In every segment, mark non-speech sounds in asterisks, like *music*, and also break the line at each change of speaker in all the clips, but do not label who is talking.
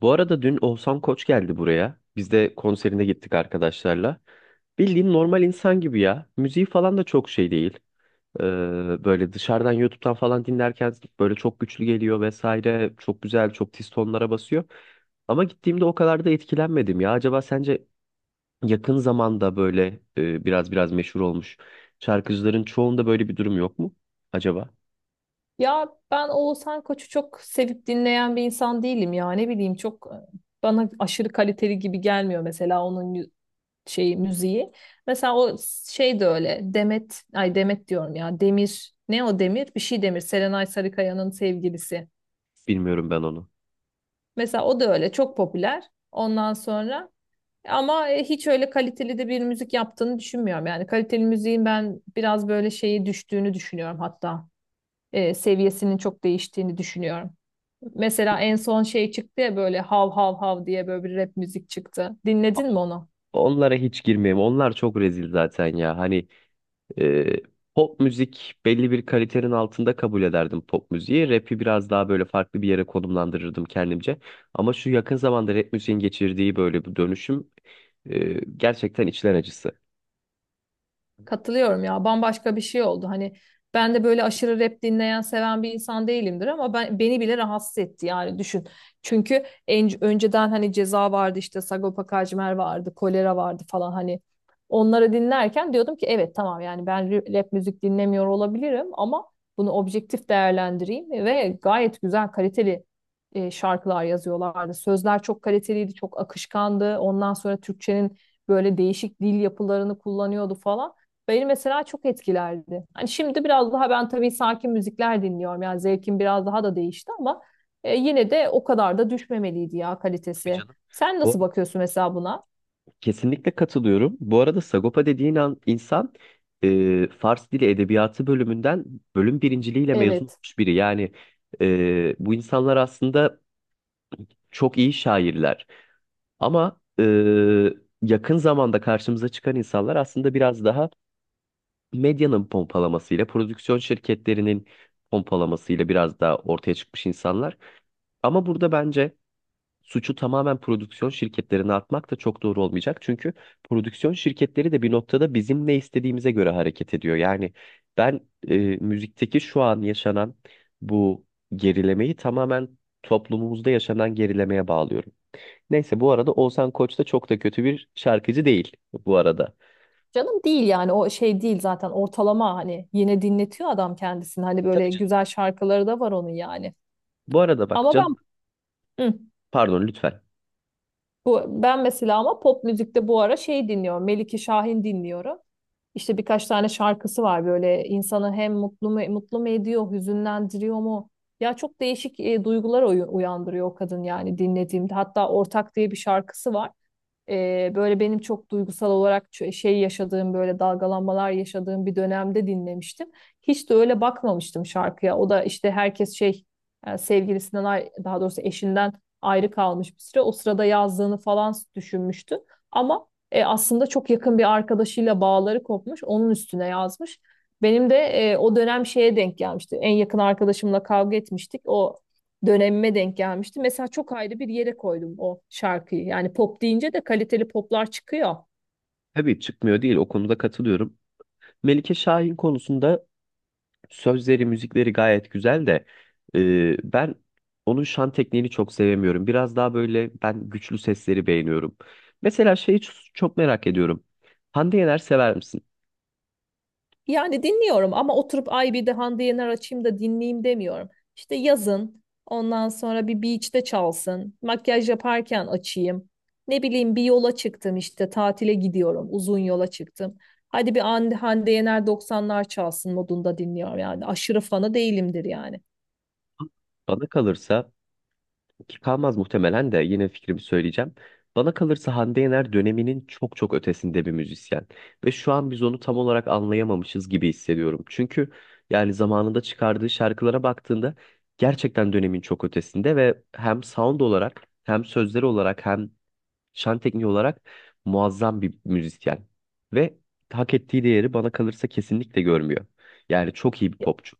Bu arada dün Oğuzhan Koç geldi buraya. Biz de konserine gittik arkadaşlarla. Bildiğin normal insan gibi ya. Müziği falan da çok şey değil. Böyle dışarıdan YouTube'dan falan dinlerken böyle çok güçlü geliyor vesaire. Çok güzel, çok tiz tonlara basıyor. Ama gittiğimde o kadar da etkilenmedim ya. Acaba sence yakın zamanda böyle biraz meşhur olmuş şarkıcıların çoğunda böyle bir durum yok mu? Acaba?
Ya ben Oğuzhan Koç'u çok sevip dinleyen bir insan değilim ya. Ne bileyim çok bana aşırı kaliteli gibi gelmiyor mesela onun şeyi müziği. Mesela o şey de öyle. Demet, ay Demet diyorum ya. Demir, ne o Demir? Bir şey Demir. Serenay Sarıkaya'nın sevgilisi.
Bilmiyorum ben onu.
Mesela o da öyle çok popüler. Ondan sonra ama hiç öyle kaliteli de bir müzik yaptığını düşünmüyorum. Yani kaliteli müziğin ben biraz böyle şeyi düştüğünü düşünüyorum hatta. Seviyesinin çok değiştiğini düşünüyorum. Mesela en son şey çıktı ya böyle hav hav hav diye böyle bir rap müzik çıktı. Dinledin mi onu?
Onlara hiç girmeyeyim. Onlar çok rezil zaten ya. Ee, Pop müzik belli bir kalitenin altında kabul ederdim pop müziği. Rap'i biraz daha böyle farklı bir yere konumlandırırdım kendimce. Ama şu yakın zamanda rap müziğin geçirdiği böyle bir dönüşüm gerçekten içler acısı.
Katılıyorum ya. Bambaşka bir şey oldu. Hani ben de böyle aşırı rap dinleyen, seven bir insan değilimdir ama ben beni bile rahatsız etti yani düşün. Çünkü önceden hani Ceza vardı, işte Sagopa Kajmer vardı, Kolera vardı falan. Hani onları dinlerken diyordum ki evet tamam, yani ben rap müzik dinlemiyor olabilirim ama bunu objektif değerlendireyim, ve gayet güzel kaliteli şarkılar yazıyorlardı. Sözler çok kaliteliydi, çok akışkandı. Ondan sonra Türkçenin böyle değişik dil yapılarını kullanıyordu falan. Beni mesela çok etkilerdi. Hani şimdi biraz daha ben tabii sakin müzikler dinliyorum. Yani zevkim biraz daha da değişti ama yine de o kadar da düşmemeliydi ya
Tabii
kalitesi.
canım.
Sen
Bu
nasıl
arada
bakıyorsun mesela buna?
kesinlikle katılıyorum. Bu arada Sagopa dediğin an, insan Fars Dili Edebiyatı bölümünden bölüm birinciliğiyle mezun
Evet.
olmuş biri. Yani bu insanlar aslında çok iyi şairler. Ama yakın zamanda karşımıza çıkan insanlar aslında biraz daha medyanın pompalamasıyla, prodüksiyon şirketlerinin pompalamasıyla biraz daha ortaya çıkmış insanlar. Ama burada bence suçu tamamen prodüksiyon şirketlerine atmak da çok doğru olmayacak. Çünkü prodüksiyon şirketleri de bir noktada bizim ne istediğimize göre hareket ediyor. Yani ben müzikteki şu an yaşanan bu gerilemeyi tamamen toplumumuzda yaşanan gerilemeye bağlıyorum. Neyse bu arada Oğuzhan Koç da çok da kötü bir şarkıcı değil bu arada.
Canım değil yani, o şey değil zaten, ortalama, hani yine dinletiyor adam kendisini. Hani
Tabii
böyle
canım.
güzel şarkıları da var onun yani.
Bu arada bak
Ama
canım,
ben hı,
pardon lütfen.
bu ben mesela, ama pop müzikte bu ara şey dinliyorum. Melike Şahin dinliyorum. İşte birkaç tane şarkısı var, böyle insanı hem mutlu mu, mutlu mu ediyor, hüzünlendiriyor mu? Ya çok değişik duygular uyandırıyor o kadın yani dinlediğimde. Hatta Ortak diye bir şarkısı var. Böyle benim çok duygusal olarak şey yaşadığım, böyle dalgalanmalar yaşadığım bir dönemde dinlemiştim. Hiç de öyle bakmamıştım şarkıya. O da işte herkes şey sevgilisinden daha doğrusu eşinden ayrı kalmış bir süre. O sırada yazdığını falan düşünmüştü. Ama aslında çok yakın bir arkadaşıyla bağları kopmuş. Onun üstüne yazmış. Benim de o dönem şeye denk gelmişti. En yakın arkadaşımla kavga etmiştik. O dönemime denk gelmişti. Mesela çok ayrı bir yere koydum o şarkıyı. Yani pop deyince de kaliteli poplar çıkıyor.
Tabii çıkmıyor değil, o konuda katılıyorum. Melike Şahin konusunda sözleri müzikleri gayet güzel de ben onun şan tekniğini çok sevemiyorum. Biraz daha böyle ben güçlü sesleri beğeniyorum. Mesela şeyi çok merak ediyorum. Hande Yener sever misin?
Yani dinliyorum ama oturup ay bir de Hande Yener açayım da dinleyeyim demiyorum. İşte yazın, ondan sonra bir beach'te çalsın, makyaj yaparken açayım. Ne bileyim, bir yola çıktım, işte tatile gidiyorum, uzun yola çıktım. Hadi bir Hande Yener doksanlar çalsın modunda dinliyorum yani. Aşırı fanı değilimdir yani.
Bana kalırsa, ki kalmaz muhtemelen, de yine fikrimi söyleyeceğim. Bana kalırsa Hande Yener döneminin çok ötesinde bir müzisyen. Ve şu an biz onu tam olarak anlayamamışız gibi hissediyorum. Çünkü yani zamanında çıkardığı şarkılara baktığında gerçekten dönemin çok ötesinde ve hem sound olarak hem sözleri olarak hem şan tekniği olarak muazzam bir müzisyen. Ve hak ettiği değeri bana kalırsa kesinlikle görmüyor. Yani çok iyi bir popçu.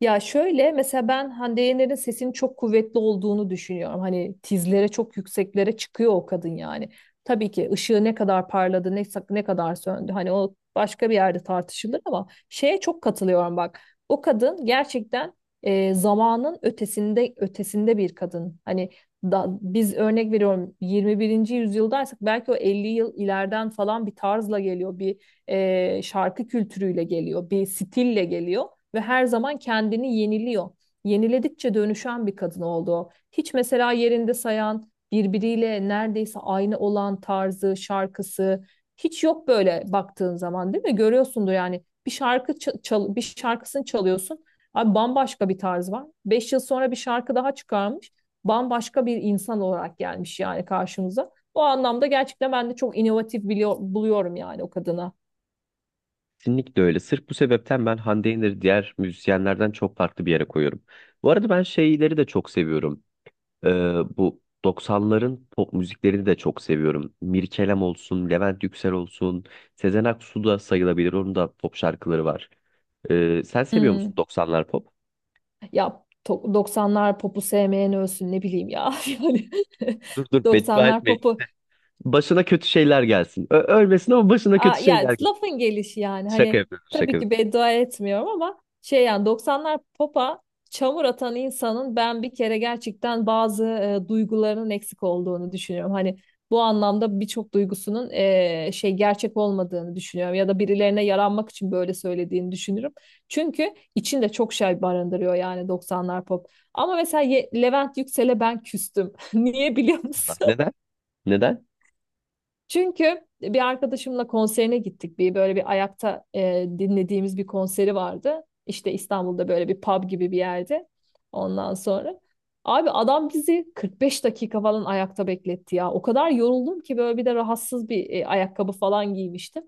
Ya şöyle, mesela ben Hande Yener'in sesinin çok kuvvetli olduğunu düşünüyorum. Hani tizlere, çok yükseklere çıkıyor o kadın yani. Tabii ki ışığı ne kadar parladı, ne kadar söndü, hani o başka bir yerde tartışılır, ama şeye çok katılıyorum bak. O kadın gerçekten zamanın ötesinde ötesinde bir kadın. Hani biz örnek veriyorum 21. yüzyıldaysak belki o 50 yıl ileriden falan bir tarzla geliyor. Bir şarkı kültürüyle geliyor, bir stille geliyor ve her zaman kendini yeniliyor. Yeniledikçe dönüşen bir kadın oldu o. Hiç mesela yerinde sayan, birbiriyle neredeyse aynı olan tarzı, şarkısı hiç yok böyle baktığın zaman, değil mi? Görüyorsundur yani, bir şarkı bir şarkısını çalıyorsun. Abi bambaşka bir tarz var. 5 yıl sonra bir şarkı daha çıkarmış. Bambaşka bir insan olarak gelmiş yani karşımıza. O anlamda gerçekten ben de çok inovatif biliyor, buluyorum yani o kadına.
Kesinlikle öyle. Sırf bu sebepten ben Hande Yener'i diğer müzisyenlerden çok farklı bir yere koyuyorum. Bu arada ben şeyleri de çok seviyorum. Ee, Bu 90'ların pop müziklerini de çok seviyorum. Mirkelam olsun, Levent Yüksel olsun, Sezen Aksu da sayılabilir. Onun da pop şarkıları var. Sen seviyor musun
Hmm.
90'lar pop?
Ya 90'lar popu sevmeyen ölsün, ne bileyim ya. *laughs* Yani
Dur beddua
doksanlar
etme.
popu.
Başına kötü şeyler gelsin. Ölmesin ama başına
Aa,
kötü
ya
şeyler gelsin.
lafın gelişi yani,
Şaka
hani
yapıyorum, şaka
tabii
yapıyorum.
ki beddua etmiyorum ama şey yani, 90'lar popa çamur atan insanın ben bir kere gerçekten bazı duygularının eksik olduğunu düşünüyorum. Hani bu anlamda birçok duygusunun şey gerçek olmadığını düşünüyorum, ya da birilerine yaranmak için böyle söylediğini düşünürüm. Çünkü içinde çok şey barındırıyor yani 90'lar pop. Ama mesela Levent Yüksel'e ben küstüm. *laughs* Niye biliyor
Allah.
musun?
Neden? Neden?
Çünkü bir arkadaşımla konserine gittik. Bir böyle bir ayakta dinlediğimiz bir konseri vardı. İşte İstanbul'da böyle bir pub gibi bir yerde. Ondan sonra abi adam bizi 45 dakika falan ayakta bekletti ya. O kadar yoruldum ki, böyle bir de rahatsız bir ayakkabı falan giymiştim.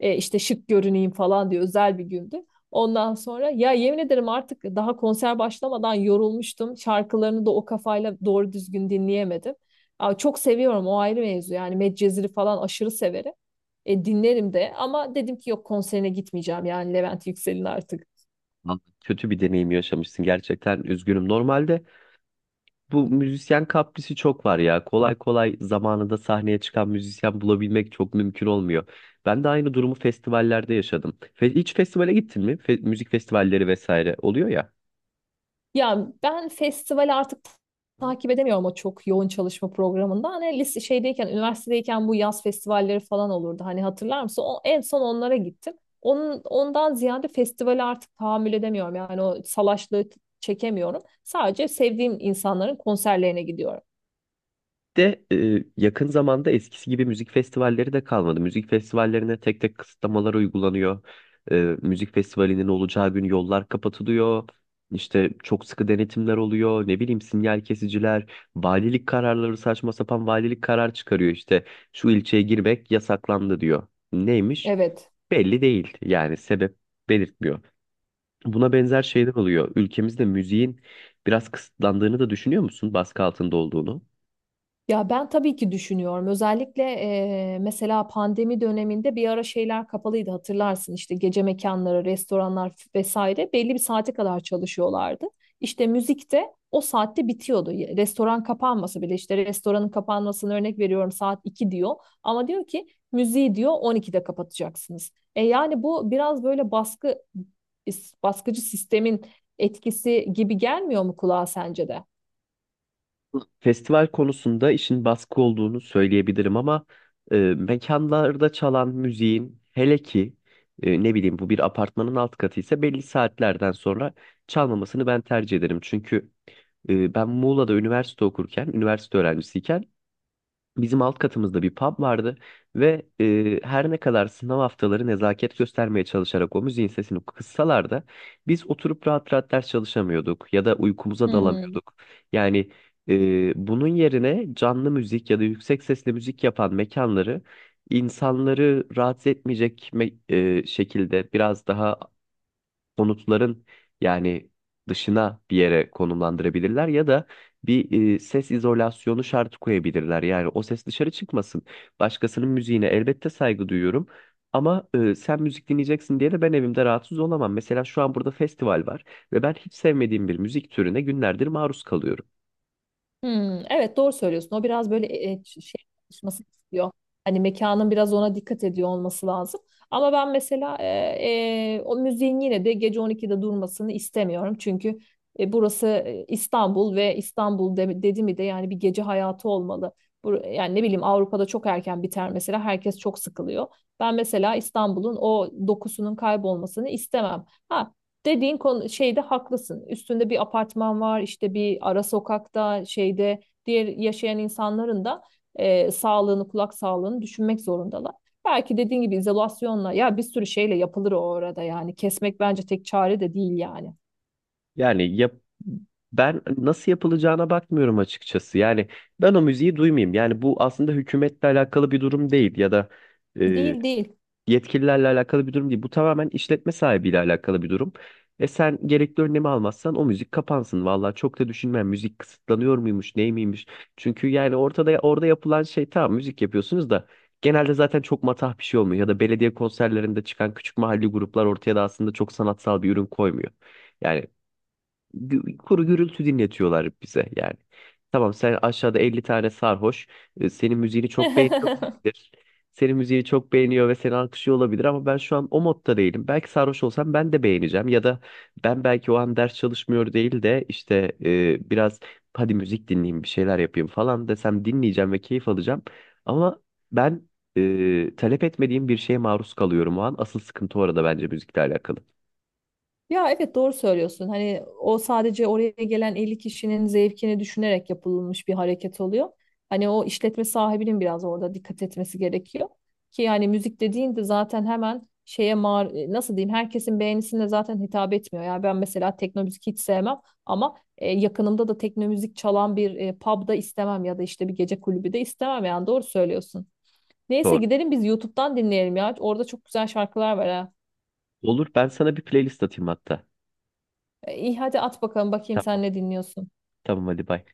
İşte şık görüneyim falan diye özel bir gündü. Ondan sonra ya yemin ederim artık daha konser başlamadan yorulmuştum. Şarkılarını da o kafayla doğru düzgün dinleyemedim. Aa, çok seviyorum, o ayrı mevzu yani, Medcezir'i falan aşırı severim. Dinlerim de, ama dedim ki yok, konserine gitmeyeceğim yani Levent Yüksel'in artık.
Lan, kötü bir deneyim yaşamışsın gerçekten. Üzgünüm. Normalde bu müzisyen kaprisi çok var ya. Kolay kolay zamanında sahneye çıkan müzisyen bulabilmek çok mümkün olmuyor. Ben de aynı durumu festivallerde yaşadım. Hiç festivale gittin mi? Müzik festivalleri vesaire oluyor ya.
Ya ben festival artık
Evet.
takip edemiyorum o çok yoğun çalışma programında. Hani lise şeydeyken, üniversitedeyken bu yaz festivalleri falan olurdu. Hani hatırlar mısın? O, en son onlara gittim. Ondan ziyade festivali artık tahammül edemiyorum. Yani o salaşlığı çekemiyorum. Sadece sevdiğim insanların konserlerine gidiyorum.
de yakın zamanda eskisi gibi müzik festivalleri de kalmadı. Müzik festivallerine tek tek kısıtlamalar uygulanıyor. E, Müzik festivalinin olacağı gün yollar kapatılıyor. İşte çok sıkı denetimler oluyor. Ne bileyim sinyal kesiciler, valilik kararları, saçma sapan valilik karar çıkarıyor işte. Şu ilçeye girmek yasaklandı diyor. Neymiş?
Evet.
Belli değil. Yani sebep belirtmiyor. Buna benzer şeyler oluyor. Ülkemizde müziğin biraz kısıtlandığını da düşünüyor musun? Baskı altında olduğunu.
Ya ben tabii ki düşünüyorum. Özellikle mesela pandemi döneminde bir ara şeyler kapalıydı, hatırlarsın. İşte gece mekanları, restoranlar vesaire belli bir saate kadar çalışıyorlardı. İşte müzik de o saatte bitiyordu. Restoran kapanmasa bile, işte restoranın kapanmasını örnek veriyorum, saat 2 diyor. Ama diyor ki müziği diyor 12'de kapatacaksınız. Yani bu biraz böyle baskıcı sistemin etkisi gibi gelmiyor mu kulağa, sence de?
Festival konusunda işin baskı olduğunu söyleyebilirim ama mekanlarda çalan müziğin hele ki ne bileyim bu bir apartmanın alt katı ise belli saatlerden sonra çalmamasını ben tercih ederim. Çünkü ben Muğla'da üniversite okurken, üniversite öğrencisiyken bizim alt katımızda bir pub vardı ve her ne kadar sınav haftaları nezaket göstermeye çalışarak o müziğin sesini kıssalar da biz oturup rahat rahat ders çalışamıyorduk ya da uykumuza dalamıyorduk. Yani bunun yerine canlı müzik ya da yüksek sesli müzik yapan mekanları, insanları rahatsız etmeyecek şekilde biraz daha konutların yani dışına bir yere konumlandırabilirler ya da bir ses izolasyonu şartı koyabilirler. Yani o ses dışarı çıkmasın. Başkasının müziğine elbette saygı duyuyorum. Ama sen müzik dinleyeceksin diye de ben evimde rahatsız olamam. Mesela şu an burada festival var ve ben hiç sevmediğim bir müzik türüne günlerdir maruz kalıyorum.
Hmm, evet doğru söylüyorsun. O biraz böyle şey çalışması istiyor. Hani mekanın biraz ona dikkat ediyor olması lazım. Ama ben mesela o müziğin yine de gece 12'de durmasını istemiyorum. Çünkü burası İstanbul, ve İstanbul dedi mi de yani bir gece hayatı olmalı. Bu yani, ne bileyim, Avrupa'da çok erken biter mesela, herkes çok sıkılıyor. Ben mesela İstanbul'un o dokusunun kaybolmasını istemem. Ha, dediğin konu şeyde haklısın. Üstünde bir apartman var, işte bir ara sokakta, şeyde diğer yaşayan insanların da sağlığını, kulak sağlığını düşünmek zorundalar. Belki dediğin gibi izolasyonla ya bir sürü şeyle yapılır o orada yani. Kesmek bence tek çare de değil yani.
Yani yap, ben nasıl yapılacağına bakmıyorum açıkçası. Yani ben o müziği duymayayım. Yani bu aslında hükümetle alakalı bir durum değil ya da
Değil değil.
yetkililerle alakalı bir durum değil. Bu tamamen işletme sahibiyle alakalı bir durum. E sen gerekli önlemi almazsan o müzik kapansın. Vallahi çok da düşünmem müzik kısıtlanıyor muymuş, ney miymiş? Çünkü yani ortada, orada yapılan şey, tamam müzik yapıyorsunuz da genelde zaten çok matah bir şey olmuyor ya da belediye konserlerinde çıkan küçük mahalli gruplar ortaya da aslında çok sanatsal bir ürün koymuyor. Yani kuru gürültü dinletiyorlar bize yani. Tamam sen aşağıda 50 tane sarhoş, senin müziğini çok beğeniyor
*laughs*
olabilir. Senin müziğini çok beğeniyor ve seni alkışlıyor olabilir ama ben şu an o modda değilim. Belki sarhoş olsam ben de beğeneceğim ya da ben belki o an ders çalışmıyor değil de işte biraz hadi müzik dinleyeyim bir şeyler yapayım falan desem dinleyeceğim ve keyif alacağım. Ama ben talep etmediğim bir şeye maruz kalıyorum o an. Asıl sıkıntı orada, bence müzikle alakalı.
Ya evet, doğru söylüyorsun. Hani o sadece oraya gelen 50 kişinin zevkini düşünerek yapılmış bir hareket oluyor. Hani o işletme sahibinin biraz orada dikkat etmesi gerekiyor. Ki yani müzik dediğinde zaten hemen şeye nasıl diyeyim, herkesin beğenisine zaten hitap etmiyor. Yani ben mesela tekno müzik hiç sevmem, ama yakınımda da tekno müzik çalan bir pub'da istemem, ya da işte bir gece kulübü de istemem, yani doğru söylüyorsun. Neyse,
Doğru.
gidelim biz YouTube'dan dinleyelim ya. Orada çok güzel şarkılar var ha.
Olur, ben sana bir playlist atayım hatta.
İyi, hadi at bakalım, bakayım
Tamam.
sen ne dinliyorsun.
Tamam hadi bay.